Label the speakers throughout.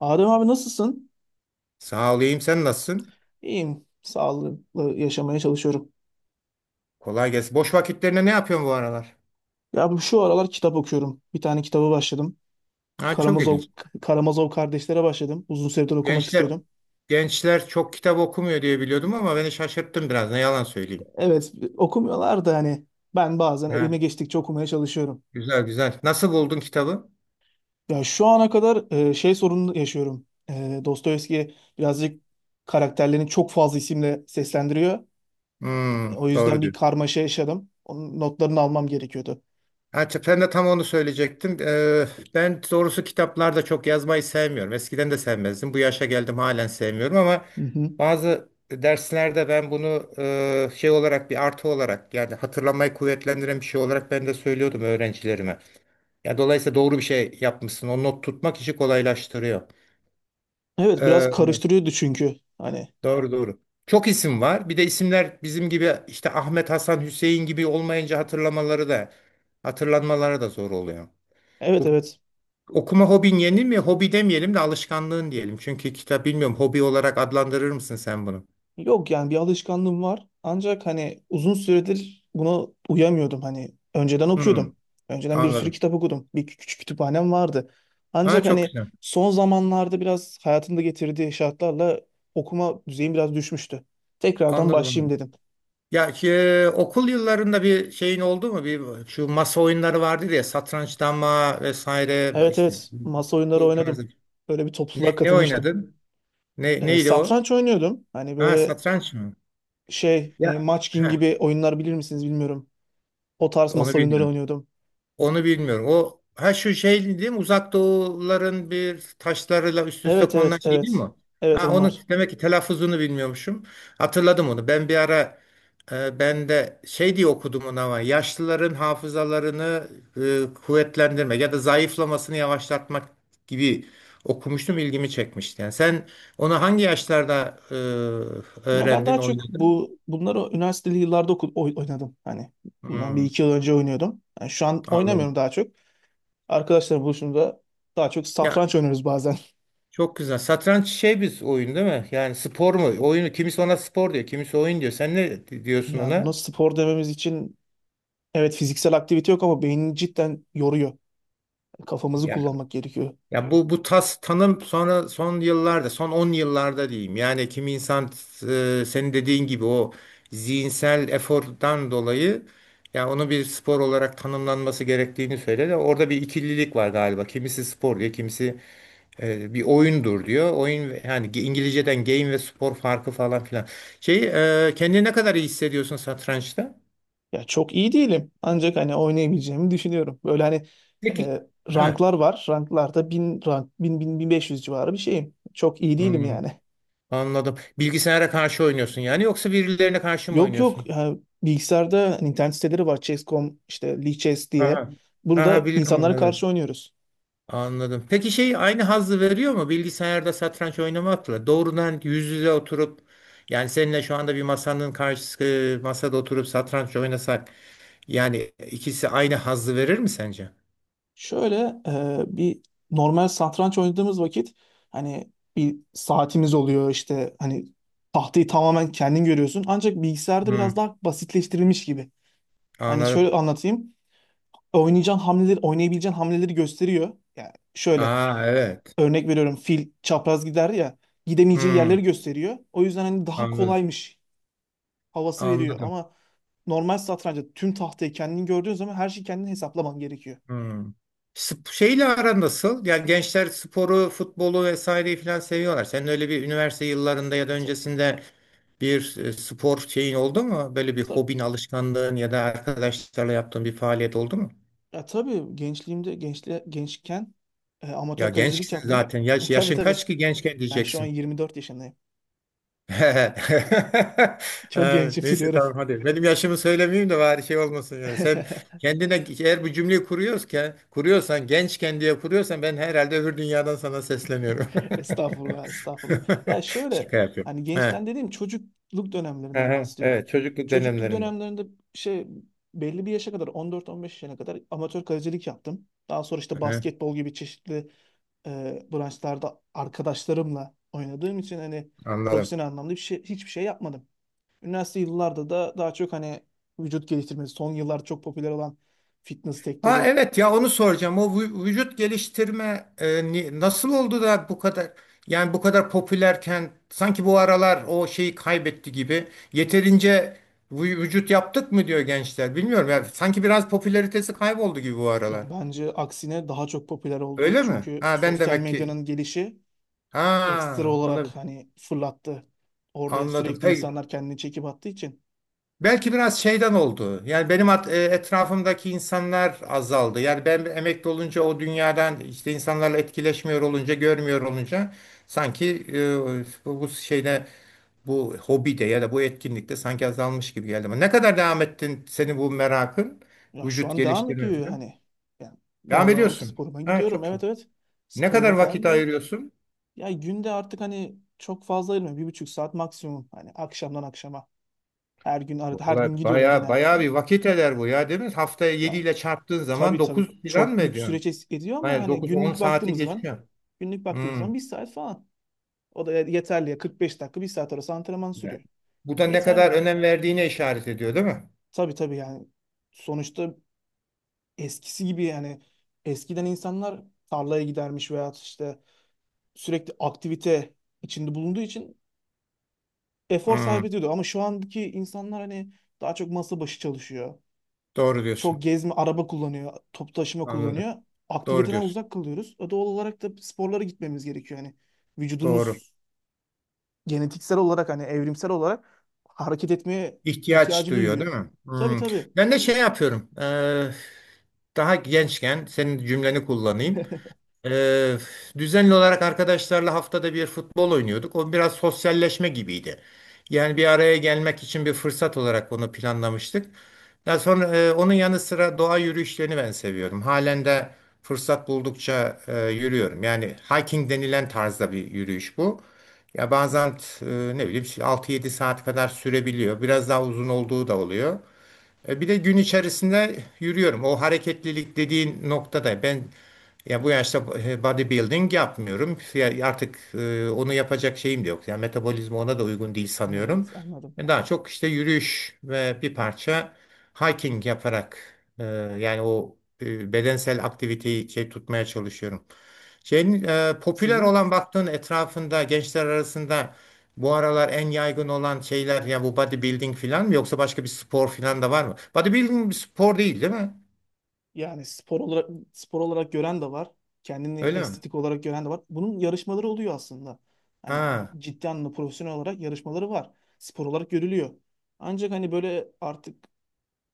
Speaker 1: Adem abi nasılsın?
Speaker 2: Sağ olayım. Sen nasılsın?
Speaker 1: İyiyim. Sağlıklı yaşamaya çalışıyorum.
Speaker 2: Kolay gelsin. Boş vakitlerinde ne yapıyorsun bu aralar?
Speaker 1: Ya şu aralar kitap okuyorum. Bir tane kitabı başladım.
Speaker 2: Ha, çok
Speaker 1: Karamazov,
Speaker 2: ilginç.
Speaker 1: Karamazov Kardeşler'e başladım. Uzun süredir okumak
Speaker 2: Gençler
Speaker 1: istiyordum.
Speaker 2: gençler çok kitap okumuyor diye biliyordum ama beni şaşırttın biraz. Ne yalan söyleyeyim.
Speaker 1: Evet okumuyorlar da hani ben bazen
Speaker 2: Ha,
Speaker 1: elime geçtikçe okumaya çalışıyorum.
Speaker 2: güzel güzel. Nasıl buldun kitabı?
Speaker 1: Ya şu ana kadar şey sorunu yaşıyorum. Dostoyevski birazcık karakterlerini çok fazla isimle seslendiriyor.
Speaker 2: Hmm,
Speaker 1: O yüzden
Speaker 2: doğru
Speaker 1: bir
Speaker 2: diyorsun.
Speaker 1: karmaşa yaşadım. Onun notlarını almam gerekiyordu.
Speaker 2: Ha, ben de tam onu söyleyecektim. Ben doğrusu kitaplarda çok yazmayı sevmiyorum. Eskiden de sevmezdim. Bu yaşa geldim halen sevmiyorum ama
Speaker 1: Hı hı.
Speaker 2: bazı derslerde ben bunu şey olarak bir artı olarak yani hatırlamayı kuvvetlendiren bir şey olarak ben de söylüyordum öğrencilerime. Ya dolayısıyla doğru bir şey yapmışsın. O not tutmak işi kolaylaştırıyor.
Speaker 1: Evet biraz
Speaker 2: Eee,
Speaker 1: karıştırıyordu çünkü. Hani
Speaker 2: doğru doğru. Çok isim var. Bir de isimler bizim gibi işte Ahmet, Hasan, Hüseyin gibi olmayınca hatırlamaları da hatırlanmaları da zor oluyor.
Speaker 1: evet
Speaker 2: Bu
Speaker 1: evet.
Speaker 2: okuma hobin yeni mi? Hobi demeyelim de alışkanlığın diyelim. Çünkü kitap bilmiyorum. Hobi olarak adlandırır mısın sen bunu?
Speaker 1: Yok yani bir alışkanlığım var. Ancak hani uzun süredir buna uyamıyordum. Hani önceden okuyordum.
Speaker 2: Hmm,
Speaker 1: Önceden bir sürü
Speaker 2: anladım.
Speaker 1: kitap okudum. Bir küçük kütüphanem vardı.
Speaker 2: Ha,
Speaker 1: Ancak
Speaker 2: çok
Speaker 1: hani
Speaker 2: güzel.
Speaker 1: son zamanlarda biraz hayatımda getirdiği şartlarla okuma düzeyim biraz düşmüştü. Tekrardan
Speaker 2: Anladım,
Speaker 1: başlayayım
Speaker 2: anladım.
Speaker 1: dedim.
Speaker 2: Ya ki okul yıllarında bir şeyin oldu mu? Bir şu masa oyunları vardı ya satranç, dama vesaire
Speaker 1: Evet
Speaker 2: işte
Speaker 1: evet masa oyunları
Speaker 2: bu tarzda.
Speaker 1: oynadım. Böyle bir topluluğa
Speaker 2: Ne
Speaker 1: katılmıştım.
Speaker 2: oynadın? Ne,
Speaker 1: Ee,
Speaker 2: neydi o?
Speaker 1: satranç oynuyordum. Hani
Speaker 2: Ha,
Speaker 1: böyle
Speaker 2: satranç mı?
Speaker 1: şey
Speaker 2: Ya
Speaker 1: Munchkin
Speaker 2: ha,
Speaker 1: gibi oyunlar bilir misiniz bilmiyorum. O tarz
Speaker 2: onu
Speaker 1: masa oyunları
Speaker 2: bilmiyorum.
Speaker 1: oynuyordum.
Speaker 2: Onu bilmiyorum. O ha şu şey değil mi? Uzak Doğuların bir taşlarıyla üst üste
Speaker 1: Evet
Speaker 2: konulan
Speaker 1: evet
Speaker 2: şey değil mi
Speaker 1: evet.
Speaker 2: o?
Speaker 1: Evet
Speaker 2: Ha onu
Speaker 1: onlar.
Speaker 2: demek ki telaffuzunu bilmiyormuşum. Hatırladım onu. Ben bir ara ben de şey diye okudum onu ama yaşlıların hafızalarını kuvvetlendirmek ya da zayıflamasını yavaşlatmak gibi okumuştum. İlgimi çekmişti. Yani sen onu hangi yaşlarda
Speaker 1: Ya ben
Speaker 2: öğrendin,
Speaker 1: daha çok
Speaker 2: oynadın?
Speaker 1: bunları üniversiteli yıllarda oynadım. Hani bundan bir
Speaker 2: Hmm,
Speaker 1: iki yıl önce oynuyordum. Yani şu an
Speaker 2: anladım.
Speaker 1: oynamıyorum daha çok. Arkadaşlarla buluşunca daha çok
Speaker 2: Ya,
Speaker 1: satranç oynuyoruz bazen.
Speaker 2: çok güzel. Satranç şey bir oyun değil mi? Yani spor mu? Oyunu kimisi ona spor diyor, kimisi oyun diyor. Sen ne diyorsun
Speaker 1: Ya buna
Speaker 2: ona?
Speaker 1: spor dememiz için evet fiziksel aktivite yok ama beynini cidden yoruyor. Kafamızı
Speaker 2: Yani
Speaker 1: kullanmak gerekiyor.
Speaker 2: ya bu tas tanım sonra son yıllarda, son 10 yıllarda diyeyim. Yani kimi insan senin dediğin gibi o zihinsel efordan dolayı ya onu bir spor olarak tanımlanması gerektiğini söyledi. Orada bir ikililik var galiba. Kimisi spor diyor, kimisi bir oyundur diyor. Oyun yani İngilizceden game ve spor farkı falan filan. Şey kendini ne kadar iyi hissediyorsun satrançta?
Speaker 1: Ya çok iyi değilim. Ancak hani oynayabileceğimi düşünüyorum. Böyle hani
Speaker 2: Peki.
Speaker 1: e,
Speaker 2: Heh.
Speaker 1: ranklar var. Ranklarda 1000 rank, 1500 civarı bir şeyim. Çok iyi değilim
Speaker 2: Hmm,
Speaker 1: yani.
Speaker 2: anladım. Bilgisayara karşı oynuyorsun yani yoksa birilerine karşı mı
Speaker 1: Yok
Speaker 2: oynuyorsun?
Speaker 1: yok. Ha, bilgisayarda hani internet siteleri var, Chess.com işte Lee Chess diye.
Speaker 2: Aha. Aha,
Speaker 1: Burada
Speaker 2: biliyorum
Speaker 1: insanlara
Speaker 2: onları. Evet.
Speaker 1: karşı oynuyoruz.
Speaker 2: Anladım. Peki şey aynı hazzı veriyor mu bilgisayarda satranç oynamakla? Doğrudan yüz yüze oturup yani seninle şu anda bir masanın karşısı masada oturup satranç oynasak yani ikisi aynı hazzı verir mi sence?
Speaker 1: Şöyle bir normal satranç oynadığımız vakit hani bir saatimiz oluyor işte hani tahtayı tamamen kendin görüyorsun. Ancak bilgisayarda biraz daha basitleştirilmiş gibi. Hani şöyle
Speaker 2: Anladım.
Speaker 1: anlatayım. Oynayacağın hamleleri, oynayabileceğin hamleleri gösteriyor. Yani şöyle
Speaker 2: Aa, evet.
Speaker 1: örnek veriyorum, fil çapraz gider ya, gidemeyeceği yerleri
Speaker 2: Hmm,
Speaker 1: gösteriyor. O yüzden hani daha
Speaker 2: anladım.
Speaker 1: kolaymış havası veriyor
Speaker 2: Anladım.
Speaker 1: ama normal satrançta tüm tahtayı kendin gördüğün zaman her şeyi kendin hesaplaman gerekiyor.
Speaker 2: Hmm. Şeyle aran nasıl? Yani gençler sporu, futbolu vesaireyi falan seviyorlar. Senin öyle bir üniversite yıllarında ya da
Speaker 1: Ta-
Speaker 2: öncesinde bir spor şeyin oldu mu? Böyle bir
Speaker 1: Tabii,
Speaker 2: hobin, alışkanlığın ya da arkadaşlarla yaptığın bir faaliyet oldu mu?
Speaker 1: ya tabii gençliğimde gençken
Speaker 2: Ya
Speaker 1: amatör kalecilik
Speaker 2: gençsin
Speaker 1: yaptım.
Speaker 2: zaten.
Speaker 1: E,
Speaker 2: Yaş,
Speaker 1: tabii
Speaker 2: yaşın
Speaker 1: tabii
Speaker 2: kaç ki gençken
Speaker 1: ben şu an
Speaker 2: diyeceksin.
Speaker 1: 24 yaşındayım. Çok
Speaker 2: Ha,
Speaker 1: gençim
Speaker 2: neyse
Speaker 1: biliyorum.
Speaker 2: tamam hadi. Benim yaşımı söylemeyeyim de bari şey olmasın yani. Sen kendine eğer bu cümleyi kuruyorsan, gençken diye kuruyorsan ben herhalde öbür dünyadan sana sesleniyorum.
Speaker 1: Estağfurullah, estağfurullah. Ya şöyle,
Speaker 2: Şaka yapıyorum.
Speaker 1: hani
Speaker 2: Ha.
Speaker 1: gençten dediğim çocukluk dönemlerinden
Speaker 2: Aha,
Speaker 1: bahsediyorum.
Speaker 2: evet, çocukluk
Speaker 1: Çocukluk
Speaker 2: dönemlerinde.
Speaker 1: dönemlerinde şey, belli bir yaşa kadar, 14-15 yaşına kadar amatör kalecilik yaptım. Daha sonra işte
Speaker 2: Aha,
Speaker 1: basketbol gibi çeşitli branşlarda arkadaşlarımla oynadığım için hani
Speaker 2: anladım.
Speaker 1: profesyonel anlamda hiçbir şey yapmadım. Üniversite yıllarda da daha çok hani vücut geliştirmesi, son yıllarda çok popüler olan fitness
Speaker 2: Ha,
Speaker 1: sektörü.
Speaker 2: evet, ya onu soracağım. O vücut geliştirme nasıl oldu da bu kadar yani bu kadar popülerken sanki bu aralar o şeyi kaybetti gibi. Yeterince vücut yaptık mı diyor gençler. Bilmiyorum ya, sanki biraz popülaritesi kayboldu gibi bu aralar.
Speaker 1: Ya bence aksine daha çok popüler oldu.
Speaker 2: Öyle mi?
Speaker 1: Çünkü
Speaker 2: Ha, ben
Speaker 1: sosyal
Speaker 2: demek ki
Speaker 1: medyanın gelişi ekstra
Speaker 2: ha,
Speaker 1: olarak
Speaker 2: olabilir.
Speaker 1: hani fırlattı. Orada
Speaker 2: Anladım.
Speaker 1: sürekli
Speaker 2: Peki.
Speaker 1: insanlar kendini çekip attığı için.
Speaker 2: Belki biraz şeyden oldu. Yani benim etrafımdaki insanlar azaldı. Yani ben emekli olunca o dünyadan işte insanlarla etkileşmiyor olunca, görmüyor olunca sanki bu şeyde bu hobide ya da bu etkinlikte sanki azalmış gibi geldi. Ama ne kadar devam ettin senin bu merakın,
Speaker 1: Ya şu
Speaker 2: vücut
Speaker 1: an devam
Speaker 2: geliştirme
Speaker 1: ediyor
Speaker 2: falan?
Speaker 1: hani. Yani
Speaker 2: Devam
Speaker 1: normal olarak
Speaker 2: ediyorsun.
Speaker 1: sporuma
Speaker 2: Ha,
Speaker 1: gidiyorum.
Speaker 2: çok
Speaker 1: Evet
Speaker 2: iyi.
Speaker 1: evet.
Speaker 2: Ne kadar
Speaker 1: Sporuma falan
Speaker 2: vakit
Speaker 1: gidiyorum.
Speaker 2: ayırıyorsun?
Speaker 1: Ya günde artık hani çok fazla ayırmıyorum. 1,5 saat maksimum. Hani akşamdan akşama. Her gün, arada her
Speaker 2: Vallahi
Speaker 1: gün gidiyorum
Speaker 2: bayağı bayağı
Speaker 1: genellikle.
Speaker 2: bir vakit eder bu ya, değil mi? Haftaya 7
Speaker 1: Ya
Speaker 2: ile çarptığın zaman
Speaker 1: tabii
Speaker 2: 9
Speaker 1: tabii
Speaker 2: falan
Speaker 1: çok
Speaker 2: mı
Speaker 1: büyük
Speaker 2: ediyorsun?
Speaker 1: süreç ediyor ama
Speaker 2: Hayır,
Speaker 1: hani
Speaker 2: dokuz on
Speaker 1: günlük
Speaker 2: saati
Speaker 1: baktığımız zaman
Speaker 2: geçiyor.
Speaker 1: günlük baktığımız
Speaker 2: Hmm.
Speaker 1: zaman bir saat falan. O da yeterli ya, 45 dakika bir saat arası antrenman
Speaker 2: Evet.
Speaker 1: sürüyor.
Speaker 2: Bu da ne kadar
Speaker 1: Yeterli.
Speaker 2: önem verdiğine işaret ediyor, değil mi?
Speaker 1: Tabii tabii yani sonuçta eskisi gibi, yani eskiden insanlar tarlaya gidermiş veya işte sürekli aktivite içinde bulunduğu için efor
Speaker 2: Hmm.
Speaker 1: sarf ediyordu. Ama şu andaki insanlar hani daha çok masa başı çalışıyor.
Speaker 2: Doğru diyorsun.
Speaker 1: Çok gezme, araba kullanıyor, toplu taşıma
Speaker 2: Anladım.
Speaker 1: kullanıyor.
Speaker 2: Doğru
Speaker 1: Aktiviteden
Speaker 2: diyorsun.
Speaker 1: uzak kalıyoruz. O doğal olarak da sporlara gitmemiz gerekiyor. Yani
Speaker 2: Doğru.
Speaker 1: vücudumuz genetiksel olarak, hani evrimsel olarak hareket etmeye
Speaker 2: İhtiyaç
Speaker 1: ihtiyacı
Speaker 2: duyuyor,
Speaker 1: duyuyor.
Speaker 2: değil mi?
Speaker 1: Tabii
Speaker 2: Hmm.
Speaker 1: tabii.
Speaker 2: Ben de şey yapıyorum. Daha gençken senin cümleni kullanayım. Ee, düzenli olarak arkadaşlarla haftada bir futbol oynuyorduk. O biraz sosyalleşme gibiydi. Yani bir araya gelmek için bir fırsat olarak onu planlamıştık. Daha sonra onun yanı sıra doğa yürüyüşlerini ben seviyorum. Halen de fırsat buldukça yürüyorum. Yani hiking denilen tarzda bir yürüyüş bu. Ya bazen ne bileyim 6-7 saat kadar sürebiliyor. Biraz daha uzun olduğu da oluyor. Bir de gün içerisinde yürüyorum. O hareketlilik dediğin noktada ben ya bu yaşta bodybuilding yapmıyorum. Ya artık onu yapacak şeyim de yok. Yani metabolizma ona da uygun değil
Speaker 1: Evet,
Speaker 2: sanıyorum.
Speaker 1: anladım.
Speaker 2: Daha çok işte yürüyüş ve bir parça hiking yaparak e, yani bedensel aktiviteyi şey tutmaya çalışıyorum. Şeyin popüler
Speaker 1: Sizin.
Speaker 2: olan baktığın etrafında gençler arasında bu aralar en yaygın olan şeyler ya bu bodybuilding falan mı yoksa başka bir spor falan da var mı? Bodybuilding bir spor değil, değil mi?
Speaker 1: Yani spor olarak gören de var. Kendini
Speaker 2: Öyle mi?
Speaker 1: estetik olarak gören de var. Bunun yarışmaları oluyor aslında. Hani bu
Speaker 2: Ha.
Speaker 1: ciddi anlamda profesyonel olarak yarışmaları var. Spor olarak görülüyor. Ancak hani böyle artık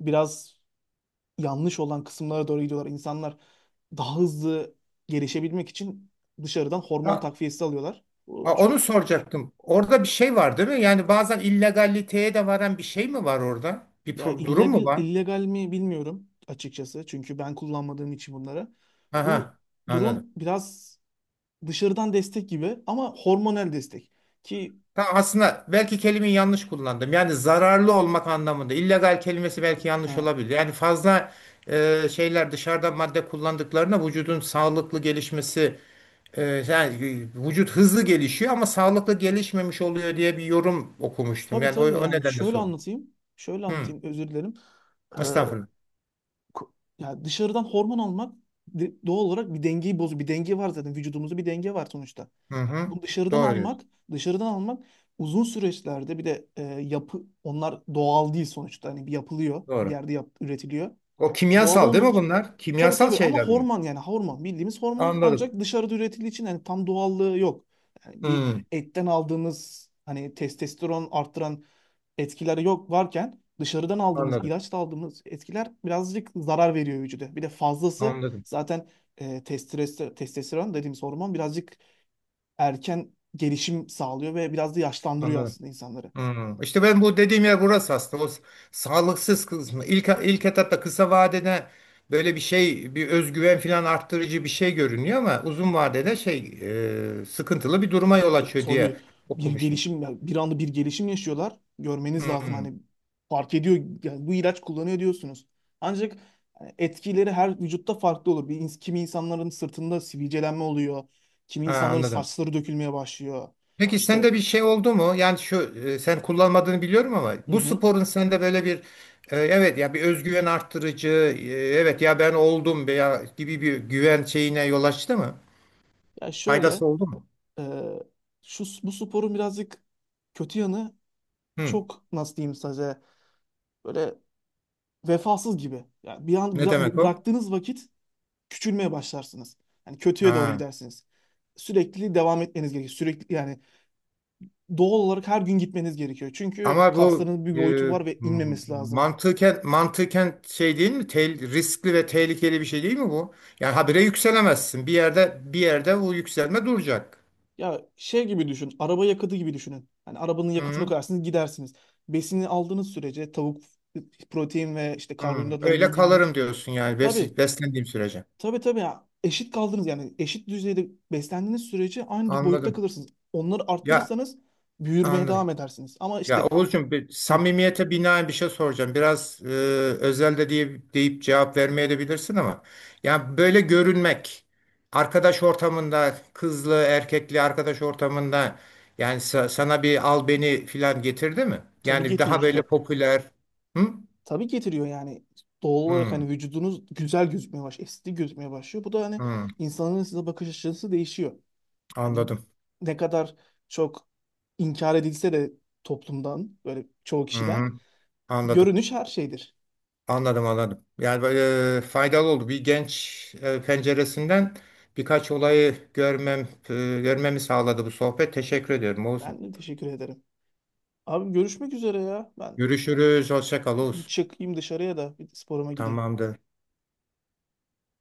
Speaker 1: biraz yanlış olan kısımlara doğru gidiyorlar. İnsanlar daha hızlı gelişebilmek için dışarıdan hormon takviyesi alıyorlar. Bu
Speaker 2: Ha, onu
Speaker 1: çok,
Speaker 2: soracaktım. Orada bir şey var, değil mi? Yani bazen illegaliteye de varan bir şey mi var orada? Bir
Speaker 1: ya
Speaker 2: durum mu
Speaker 1: illegal
Speaker 2: var?
Speaker 1: illegal mi bilmiyorum açıkçası. Çünkü ben kullanmadığım için bunları. Bu
Speaker 2: Aha,
Speaker 1: durum
Speaker 2: anladım.
Speaker 1: biraz dışarıdan destek gibi ama hormonal destek. Ki
Speaker 2: Ta aslında belki kelimeyi yanlış kullandım. Yani zararlı olmak anlamında. İllegal kelimesi belki yanlış
Speaker 1: ha,
Speaker 2: olabilir. Yani fazla şeyler dışarıdan madde kullandıklarına vücudun sağlıklı gelişmesi yani vücut hızlı gelişiyor ama sağlıklı gelişmemiş oluyor diye bir yorum okumuştum.
Speaker 1: tabii
Speaker 2: Yani o,
Speaker 1: tabii
Speaker 2: o
Speaker 1: yani
Speaker 2: nedenle
Speaker 1: şöyle
Speaker 2: sordum.
Speaker 1: anlatayım. Şöyle
Speaker 2: Hı,
Speaker 1: anlatayım, özür dilerim. Ee,
Speaker 2: estağfurullah.
Speaker 1: ko- ya dışarıdan hormon almak doğal olarak bir dengeyi bozuyor. Bir denge var, zaten vücudumuzda bir denge var sonuçta.
Speaker 2: Hı hı.
Speaker 1: Bu dışarıdan
Speaker 2: Doğru diyorsun.
Speaker 1: almak, dışarıdan almak uzun süreçlerde, bir de yapı onlar doğal değil sonuçta. Hani bir yapılıyor, bir
Speaker 2: Doğru.
Speaker 1: yerde üretiliyor.
Speaker 2: O
Speaker 1: Doğal
Speaker 2: kimyasal değil
Speaker 1: olmadığı
Speaker 2: mi
Speaker 1: için.
Speaker 2: bunlar?
Speaker 1: Tabii
Speaker 2: Kimyasal
Speaker 1: tabii ama
Speaker 2: şeyler bunlar.
Speaker 1: hormon, yani hormon bildiğimiz hormon,
Speaker 2: Anladım.
Speaker 1: ancak dışarıda üretildiği için yani tam doğallığı yok. Yani bir
Speaker 2: Hmm,
Speaker 1: etten aldığımız, hani testosteron arttıran etkileri yok, varken dışarıdan aldığımız
Speaker 2: anladım.
Speaker 1: ilaçla aldığımız etkiler birazcık zarar veriyor vücuda. Bir de fazlası
Speaker 2: Anladım.
Speaker 1: zaten, testosteron dediğimiz hormon birazcık erken gelişim sağlıyor ve biraz da yaşlandırıyor
Speaker 2: Anladım.
Speaker 1: aslında insanları.
Speaker 2: Hmm. İşte ben bu dediğim yer burası aslında. O sağlıksız kısmı. İlk etapta kısa vadede böyle bir şey, bir özgüven falan arttırıcı bir şey görünüyor ama uzun vadede şey, sıkıntılı bir duruma yol
Speaker 1: Ya
Speaker 2: açıyor
Speaker 1: tabii
Speaker 2: diye okumuştum.
Speaker 1: bir anda bir gelişim yaşıyorlar. Görmeniz lazım
Speaker 2: Hmm.
Speaker 1: hani, fark ediyor, yani bu ilaç kullanıyor diyorsunuz. Ancak hani etkileri her vücutta farklı olur. Kimi insanların sırtında sivilcelenme oluyor. Kimi
Speaker 2: Ha,
Speaker 1: insanların
Speaker 2: anladım.
Speaker 1: saçları dökülmeye başlıyor.
Speaker 2: Peki
Speaker 1: İşte,
Speaker 2: sende bir şey oldu mu? Yani şu sen kullanmadığını biliyorum ama
Speaker 1: hı
Speaker 2: bu
Speaker 1: hı.
Speaker 2: sporun sende böyle bir evet ya bir özgüven arttırıcı, evet ya ben oldum veya gibi bir güven şeyine yol açtı mı?
Speaker 1: Ya şöyle,
Speaker 2: Faydası oldu mu?
Speaker 1: e, şu bu sporun birazcık kötü yanı,
Speaker 2: Hı.
Speaker 1: çok nasıl diyeyim size, böyle vefasız gibi. Yani bir an
Speaker 2: Ne demek o?
Speaker 1: bıraktığınız vakit küçülmeye başlarsınız. Yani kötüye doğru
Speaker 2: Ha.
Speaker 1: gidersiniz. Sürekli devam etmeniz gerekiyor. Sürekli yani doğal olarak her gün gitmeniz gerekiyor. Çünkü
Speaker 2: Ama bu
Speaker 1: kasların bir boyutu var ve inmemesi lazım.
Speaker 2: mantıken şey değil mi? Riskli ve tehlikeli bir şey değil mi bu? Yani habire yükselemezsin. Bir yerde bu yükselme duracak.
Speaker 1: Ya şey gibi düşün. Araba yakıtı gibi düşünün. Hani arabanın yakıtını
Speaker 2: Hı,
Speaker 1: koyarsınız, gidersiniz. Besini aldığınız sürece, tavuk, protein ve işte
Speaker 2: hı.
Speaker 1: karbonhidratları
Speaker 2: Öyle
Speaker 1: düzgün yük...
Speaker 2: kalırım diyorsun yani
Speaker 1: Tabii
Speaker 2: beslendiğim sürece.
Speaker 1: tabii tabii ya. Eşit kaldınız, yani eşit düzeyde beslendiğiniz sürece aynı boyutta
Speaker 2: Anladım.
Speaker 1: kalırsınız. Onları
Speaker 2: Ya,
Speaker 1: arttırırsanız büyürmeye
Speaker 2: anladım.
Speaker 1: devam edersiniz. Ama
Speaker 2: Ya
Speaker 1: işte,
Speaker 2: Oğuzcum, bir
Speaker 1: hı,
Speaker 2: samimiyete binaen bir şey soracağım. Biraz özel de diye, deyip cevap vermeye de ama ya böyle görünmek arkadaş ortamında kızlı erkekli arkadaş ortamında yani sana bir al beni filan getirdi mi?
Speaker 1: tabii
Speaker 2: Yani daha
Speaker 1: getirici
Speaker 2: böyle
Speaker 1: ta-
Speaker 2: popüler. Hı?
Speaker 1: Tabii getiriyor yani. Doğal olarak
Speaker 2: Hı,
Speaker 1: hani vücudunuz güzel gözükmeye başlıyor, estetik gözükmeye başlıyor. Bu da hani
Speaker 2: hı,
Speaker 1: insanların size bakış açısı değişiyor. Yani
Speaker 2: anladım.
Speaker 1: ne kadar çok inkar edilse de toplumdan, böyle çoğu
Speaker 2: Hı
Speaker 1: kişiden,
Speaker 2: hı, anladım.
Speaker 1: görünüş her şeydir.
Speaker 2: Anladım, anladım. Yani böyle faydalı oldu. Bir genç penceresinden birkaç olayı görmemi sağladı bu sohbet. Teşekkür ediyorum Oğuz'um.
Speaker 1: Ben de teşekkür ederim. Abi görüşmek üzere ya. Ben
Speaker 2: Görüşürüz. Hoşça kal
Speaker 1: hiç
Speaker 2: Oğuz.
Speaker 1: çıkayım dışarıya da bir sporuma gideyim.
Speaker 2: Tamamdır.